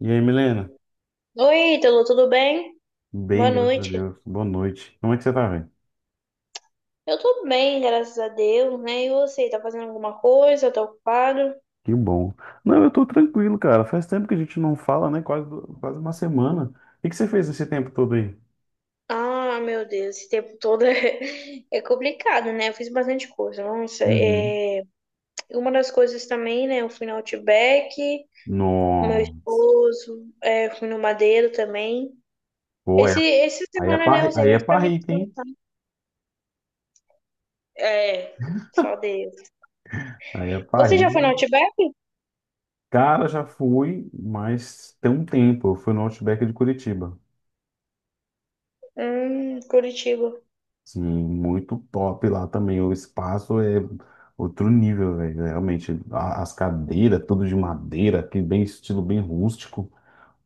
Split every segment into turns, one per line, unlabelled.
E aí, Milena?
Oi, Ítalo, tudo bem? Boa
Bem, graças a
noite.
Deus. Boa noite. Como é que você tá, velho?
Eu tô bem, graças a Deus, né? E você, tá fazendo alguma coisa? Tá ocupado?
Que bom. Não, eu tô tranquilo, cara. Faz tempo que a gente não fala, né? Quase uma semana. O que que você fez esse tempo todo aí?
Ah, meu Deus, esse tempo todo é complicado, né? Eu fiz bastante coisa. Nossa,
Uhum.
é... uma das coisas também, né? Eu fui no Outback, com meu
Nossa.
esposo, é, fui no Madeiro também.
Pô,
Essa
aí é
semana, né, eu
parri,
usei
aí é
mais pra mim.
parrita, hein?
É, só Deus.
Aí é
Você já foi no
parrita.
Outback?
Cara, já fui, mas tem um tempo. Eu fui no Outback de Curitiba.
Curitiba.
Sim, muito top lá também. O espaço é outro nível, velho. Realmente, as cadeiras, tudo de madeira, que bem estilo bem rústico.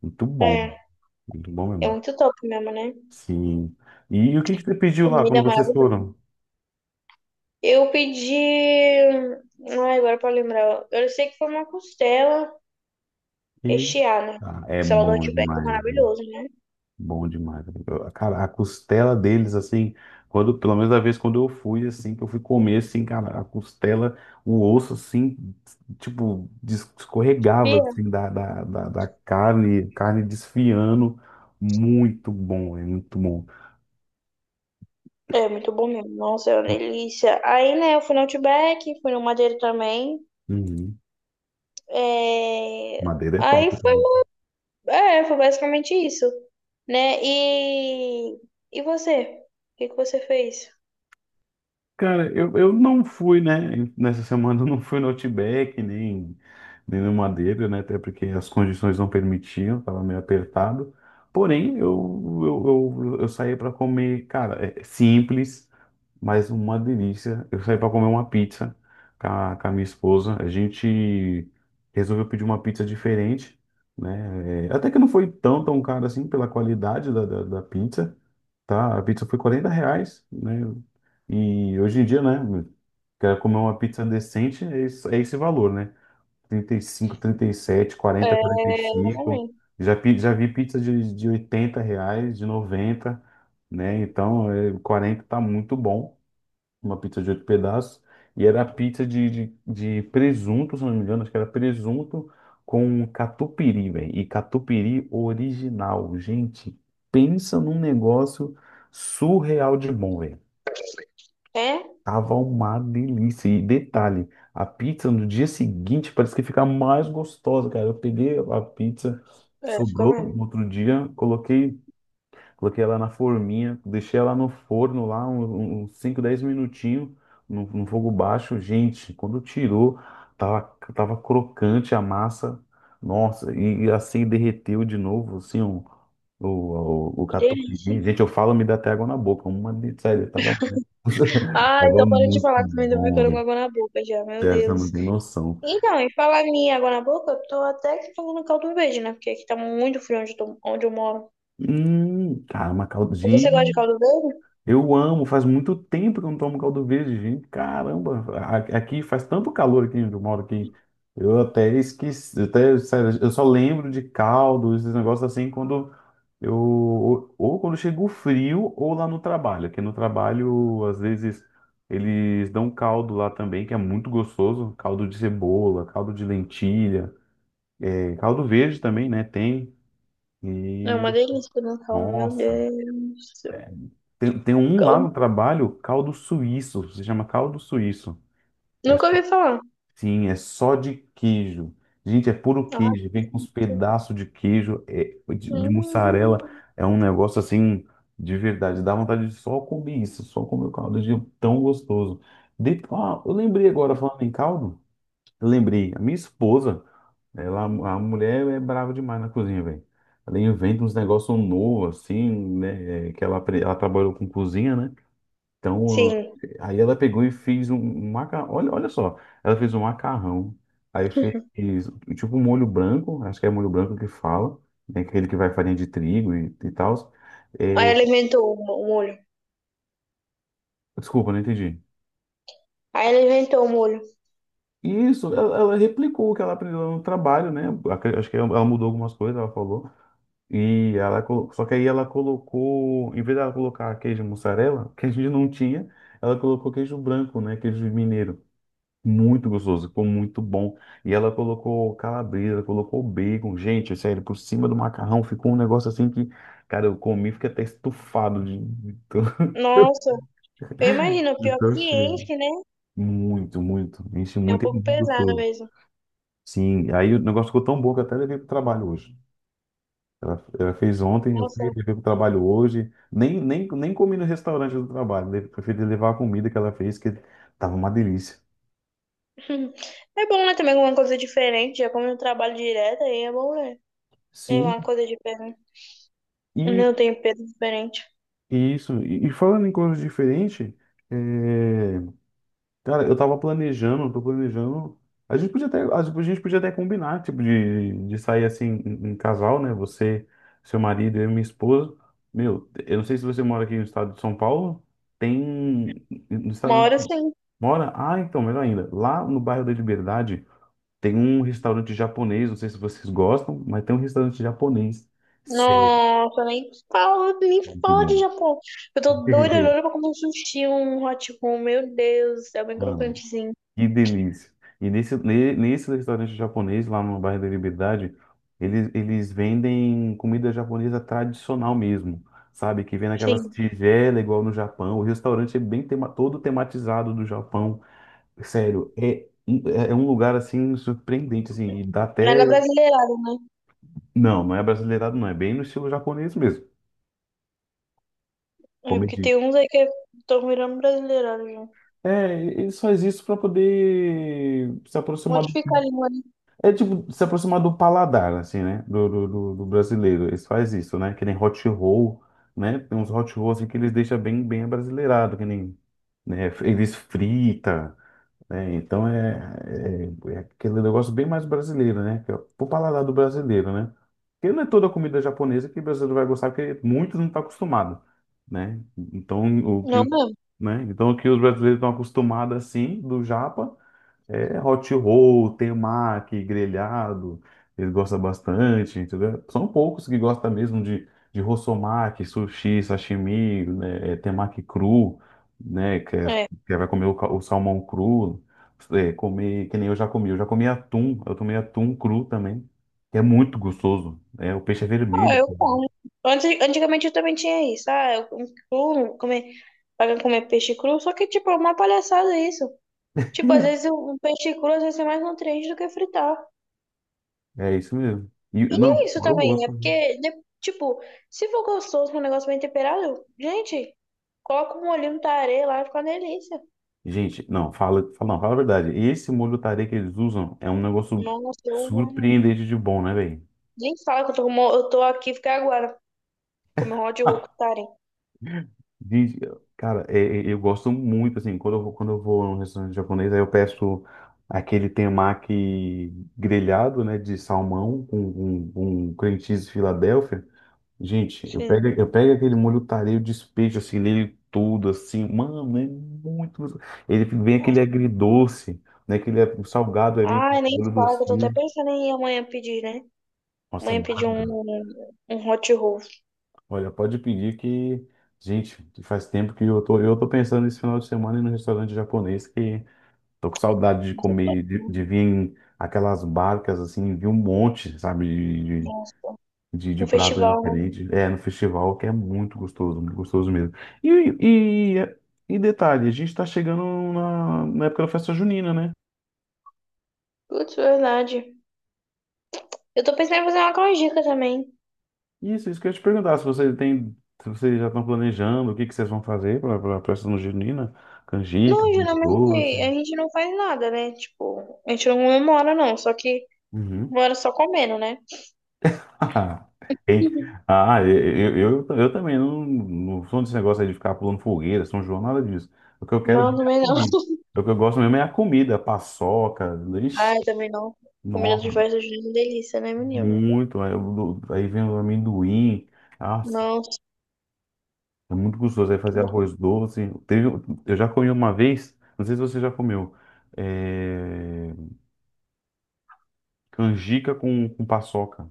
Muito bom,
É,
muito bom
é
mesmo.
muito top mesmo, né?
Sim. E o que que você pediu lá
Comida
quando vocês
maravilhosa.
foram?
Eu pedi. Ai, agora pra lembrar. Eu sei que foi uma costela
E
recheada.
é
Costela do
bom
Outback é
demais, viu?
maravilhoso, né?
Bom demais. Cara, a costela deles assim, quando pelo menos da vez quando eu fui assim, que eu fui comer assim, cara, a costela, o osso assim, tipo, escorregava
Bia?
assim da carne, carne desfiando. Muito bom, é muito bom.
É muito bom mesmo. Nossa, é uma delícia. Aí, né, eu fui no Outback, fui no Madeiro também.
Uhum.
É...
Madeira é
Aí
top, né?
foi. É, foi basicamente isso. Né? E. E você? O que que você fez?
Cara, eu não fui, né? Nessa semana eu não fui no Outback, nem no Madeira, né? Até porque as condições não permitiam, tava meio apertado. Porém, eu saí para comer, cara, é simples, mas uma delícia. Eu saí para comer uma pizza com a minha esposa. A gente resolveu pedir uma pizza diferente, né? É, até que não foi tão cara assim pela qualidade da pizza. Tá, a pizza foi R$ 40, né? E hoje em dia, né? Quero comer uma pizza decente, é esse valor, né? 35, 37,
É,
40,
eu
45.
também.
Já, já vi pizza de R$ 80, de 90, né? Então, 40 tá muito bom, uma pizza de oito pedaços, e era pizza de presunto, se não me engano, acho que era presunto com catupiry, velho, e catupiry original. Gente, pensa num negócio surreal de bom, velho.
É?
Tava uma delícia. E detalhe, a pizza no dia seguinte parece que fica mais gostosa, cara. Eu peguei a pizza,
É, ficou
sobrou
mesmo.
no outro dia, coloquei ela na forminha, deixei ela no forno lá uns 5, 10 minutinhos no fogo baixo. Gente, quando tirou, tava, tava crocante a massa. Nossa, e assim derreteu de novo, assim, o
Que delícia.
catupiry. Gente, eu falo, me dá até água na boca. Sério, tava,
Ah, então
tava
para de
muito
falar que também tô
bom,
ficando com
velho.
água na boca já. Meu
Sério, você não
Deus.
tem noção.
Então, e falar minha água na boca, eu tô até que fazendo caldo verde, né? Porque aqui tá muito frio onde onde eu moro.
Cara, uma
Você gosta de
caldinha.
caldo verde?
Eu amo, faz muito tempo que eu não tomo caldo verde, gente. Caramba, aqui faz tanto calor aqui onde eu moro que eu até esqueci, eu até, sério, eu só lembro de caldo, esses negócios assim, quando ou quando chega o frio ou lá no trabalho, que no trabalho, às vezes, eles dão caldo lá também, que é muito gostoso, caldo de cebola, caldo de lentilha, caldo verde também, né, tem,
É
e,
uma delícia no caldo, meu
nossa.
Deus do céu.
Tem um lá
Cal-
no trabalho, caldo suíço, se chama caldo suíço. É
Nunca
só-
ouvi falar.
sim, é só de queijo. Gente, é puro queijo, vem com uns
Nossa.
pedaços de queijo, de mussarela,
Hum.
é um negócio assim, de verdade, dá vontade de só comer isso, só comer o caldo, de tão gostoso. Eu lembrei agora, falando em caldo, eu lembrei, a minha esposa, a mulher é brava demais na cozinha, velho. Ela inventa uns negócios novos, assim, né, que ela trabalhou com cozinha, né? Então,
Sim.
aí ela pegou e fez um macarrão. Olha, olha só, ela fez um macarrão, aí fez tipo um molho branco, acho que é molho branco que fala, né? Aquele que vai farinha de trigo e tal.
Aí
é,
ela inventou o mo- o molho.
Desculpa, não entendi.
Aí ela inventou o molho.
Isso, ela replicou o que ela aprendeu no trabalho, né? Acho que ela mudou algumas coisas, ela falou. Só que aí ela colocou, em vez dela colocar queijo mussarela, que a gente não tinha, ela colocou queijo branco, né? Queijo mineiro. Muito gostoso, ficou muito bom. E ela colocou calabresa, colocou bacon. Gente, sério, por cima do macarrão ficou um negócio assim que, cara, eu comi, fiquei até estufado de, tão
Nossa, eu imagino,
de
pior é
tão
que
cheio.
enche, né?
Muito, muito. Enche
É um
muito, é
pouco
muito
pesado
gostoso.
mesmo.
Sim, aí o negócio ficou tão bom que eu até levei pro trabalho hoje. Ela fez ontem, eu fui,
Nossa.
levei pro trabalho hoje. Nem comi no restaurante do trabalho, preferi levar a comida que ela fez, que tava uma delícia.
É bom, né? Também alguma coisa diferente. Já como eu trabalho direto, aí é bom, né? É
Sim.
uma coisa diferente.
E
Eu tenho peso diferente.
Isso, e falando em coisas diferentes, é, cara, eu tava planejando, tô planejando. A gente podia até, a gente podia até combinar, tipo, de sair assim em casal, né? Você, seu marido, eu e minha esposa. Meu, eu não sei se você mora aqui no estado de São Paulo, tem. No
Uma
estado.
hora sim.
Mora? Ah, então, melhor ainda. Lá no bairro da Liberdade tem um restaurante japonês, não sei se vocês gostam, mas tem um restaurante japonês. Sério,
Nossa, nem fala, nem
muito
fala de
bom.
Japão. Eu tô doida, doida pra comer um sushi, um hot roll. Meu Deus, do céu, bem
Mano,
crocantezinho.
que delícia. E nesse restaurante japonês, lá no bairro da Liberdade, eles vendem comida japonesa tradicional mesmo, sabe? Que vem naquelas
Sim,
tigelas igual no Japão. O restaurante é bem tema, todo tematizado do Japão. Sério, é um lugar assim surpreendente, assim, e dá até.
nada brasileirado.
Não, não é brasileirado, não. É bem no estilo japonês mesmo.
É porque
Comedi.
tem uns aí que estão virando brasileirado já.
É, ele só existe para poder se aproximar.
Modificar a língua, né?
É tipo se aproximar do paladar, assim, né? Do brasileiro. Eles faz isso, né? Que nem hot roll, né? Tem uns hot rolls assim, que eles deixam bem, bem abrasileirado, que nem, né? Eles frita, né? Então é aquele negócio bem mais brasileiro, né? Que é pro paladar do brasileiro, né? Porque não é toda comida japonesa que o brasileiro vai gostar, porque muitos não estão acostumados, né? Então o que,
Não
o-
mesmo?
né? Então o que os brasileiros estão acostumados assim, do japa. É hot roll, temaki, grelhado, eles gostam bastante, entendeu? São poucos que gostam mesmo de rossomaki, sushi, sashimi, né, temaki cru, né, que, é-
É.
que é, vai comer o salmão cru, comer, que nem eu já comi, atum, eu tomei atum cru também, que é muito gostoso, o peixe é
Ah,
vermelho.
eu como. Antes, antigamente eu também tinha isso. Ah, eu como cru, comer, pra comer peixe cru. Só que, tipo, é uma palhaçada isso. Tipo, às vezes o peixe cru às vezes é mais nutriente do que fritar.
É isso mesmo. E,
E
não,
nem isso
para o
também, é
gosto, né?
porque, de- tipo, se for gostoso com um negócio bem temperado, gente, coloca um molhinho no tarê lá e fica uma delícia.
Gente, não, fala, fala, não, fala a verdade. Esse molho tarê que eles usam é um negócio
Nossa, eu amo.
surpreendente de bom, né, velho?
Nem fala que eu eu tô aqui ficar agora, comer um hot roll com tarê.
Gente, cara, eu gosto muito, assim, quando eu vou, num restaurante japonês, aí eu peço aquele temaki grelhado, né, de salmão com cream cheese Filadélfia. Gente, eu
Sim,
pego, aquele molho tarê, eu despejo, assim, nele tudo, assim, mano, é muito. Ele vem aquele
nossa, muito bom.
agridoce, né, aquele salgado, aí vem aquele
Ai, nem
molho
fala
doce.
que eu tô até pensando em ir amanhã pedir, né?
Nossa, é
Amanhã pedir um,
maravilhoso.
um hot roll.
Olha, pode pedir que. Gente, faz tempo que eu tô, pensando nesse final de semana ir no restaurante japonês que tô com saudade de comer, de, vir em aquelas barcas assim, vi um monte, sabe,
Nossa,
de
um
pratos
festival, né?
diferentes. É, no festival que é muito gostoso mesmo. E, e, e detalhe, a gente tá chegando na época da festa junina, né?
Putz, verdade. Eu tô pensando em fazer uma canjica também.
Isso que eu ia te perguntar, se você tem, se vocês já estão planejando o que que vocês vão fazer para a festa junina, canjica,
Não, geralmente
doce.
a gente não faz nada, né? Tipo, a gente não comemora, não. Só que
Uhum.
mora só comendo, né?
Ei, ah, eu também não, não sou desse negócio aí de ficar pulando fogueira, São João, nada disso. O que eu quero
Não,
mesmo é a
também não.
comida. O que eu gosto mesmo é a comida, paçoca, ixi,
Ai, também não. Comida de
nossa,
festa junina é uma delícia, né, menino?
muito. Aí, aí vem o amendoim, ah
Nossa,
É muito gostoso. Aí
que
fazer
bom.
arroz doce. Teve, eu já comi uma vez, não sei se você já comeu, é, canjica com paçoca.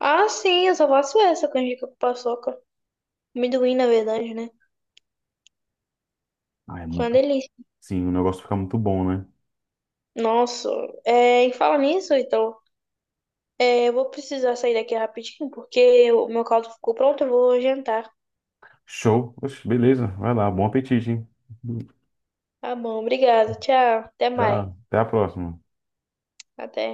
Ah, sim, eu só faço essa canjica com paçoca. Amendoim, na verdade, né?
Ah, é
Fica uma
muito.
delícia.
Sim, o negócio fica muito bom, né?
Nossa, é, e fala nisso, então. É, eu vou precisar sair daqui rapidinho, porque o meu caldo ficou pronto, eu vou jantar.
Show. Oxe, beleza. Vai lá. Bom apetite, hein?
Tá bom, obrigada. Tchau. Até
Já,
mais.
até a próxima.
Até.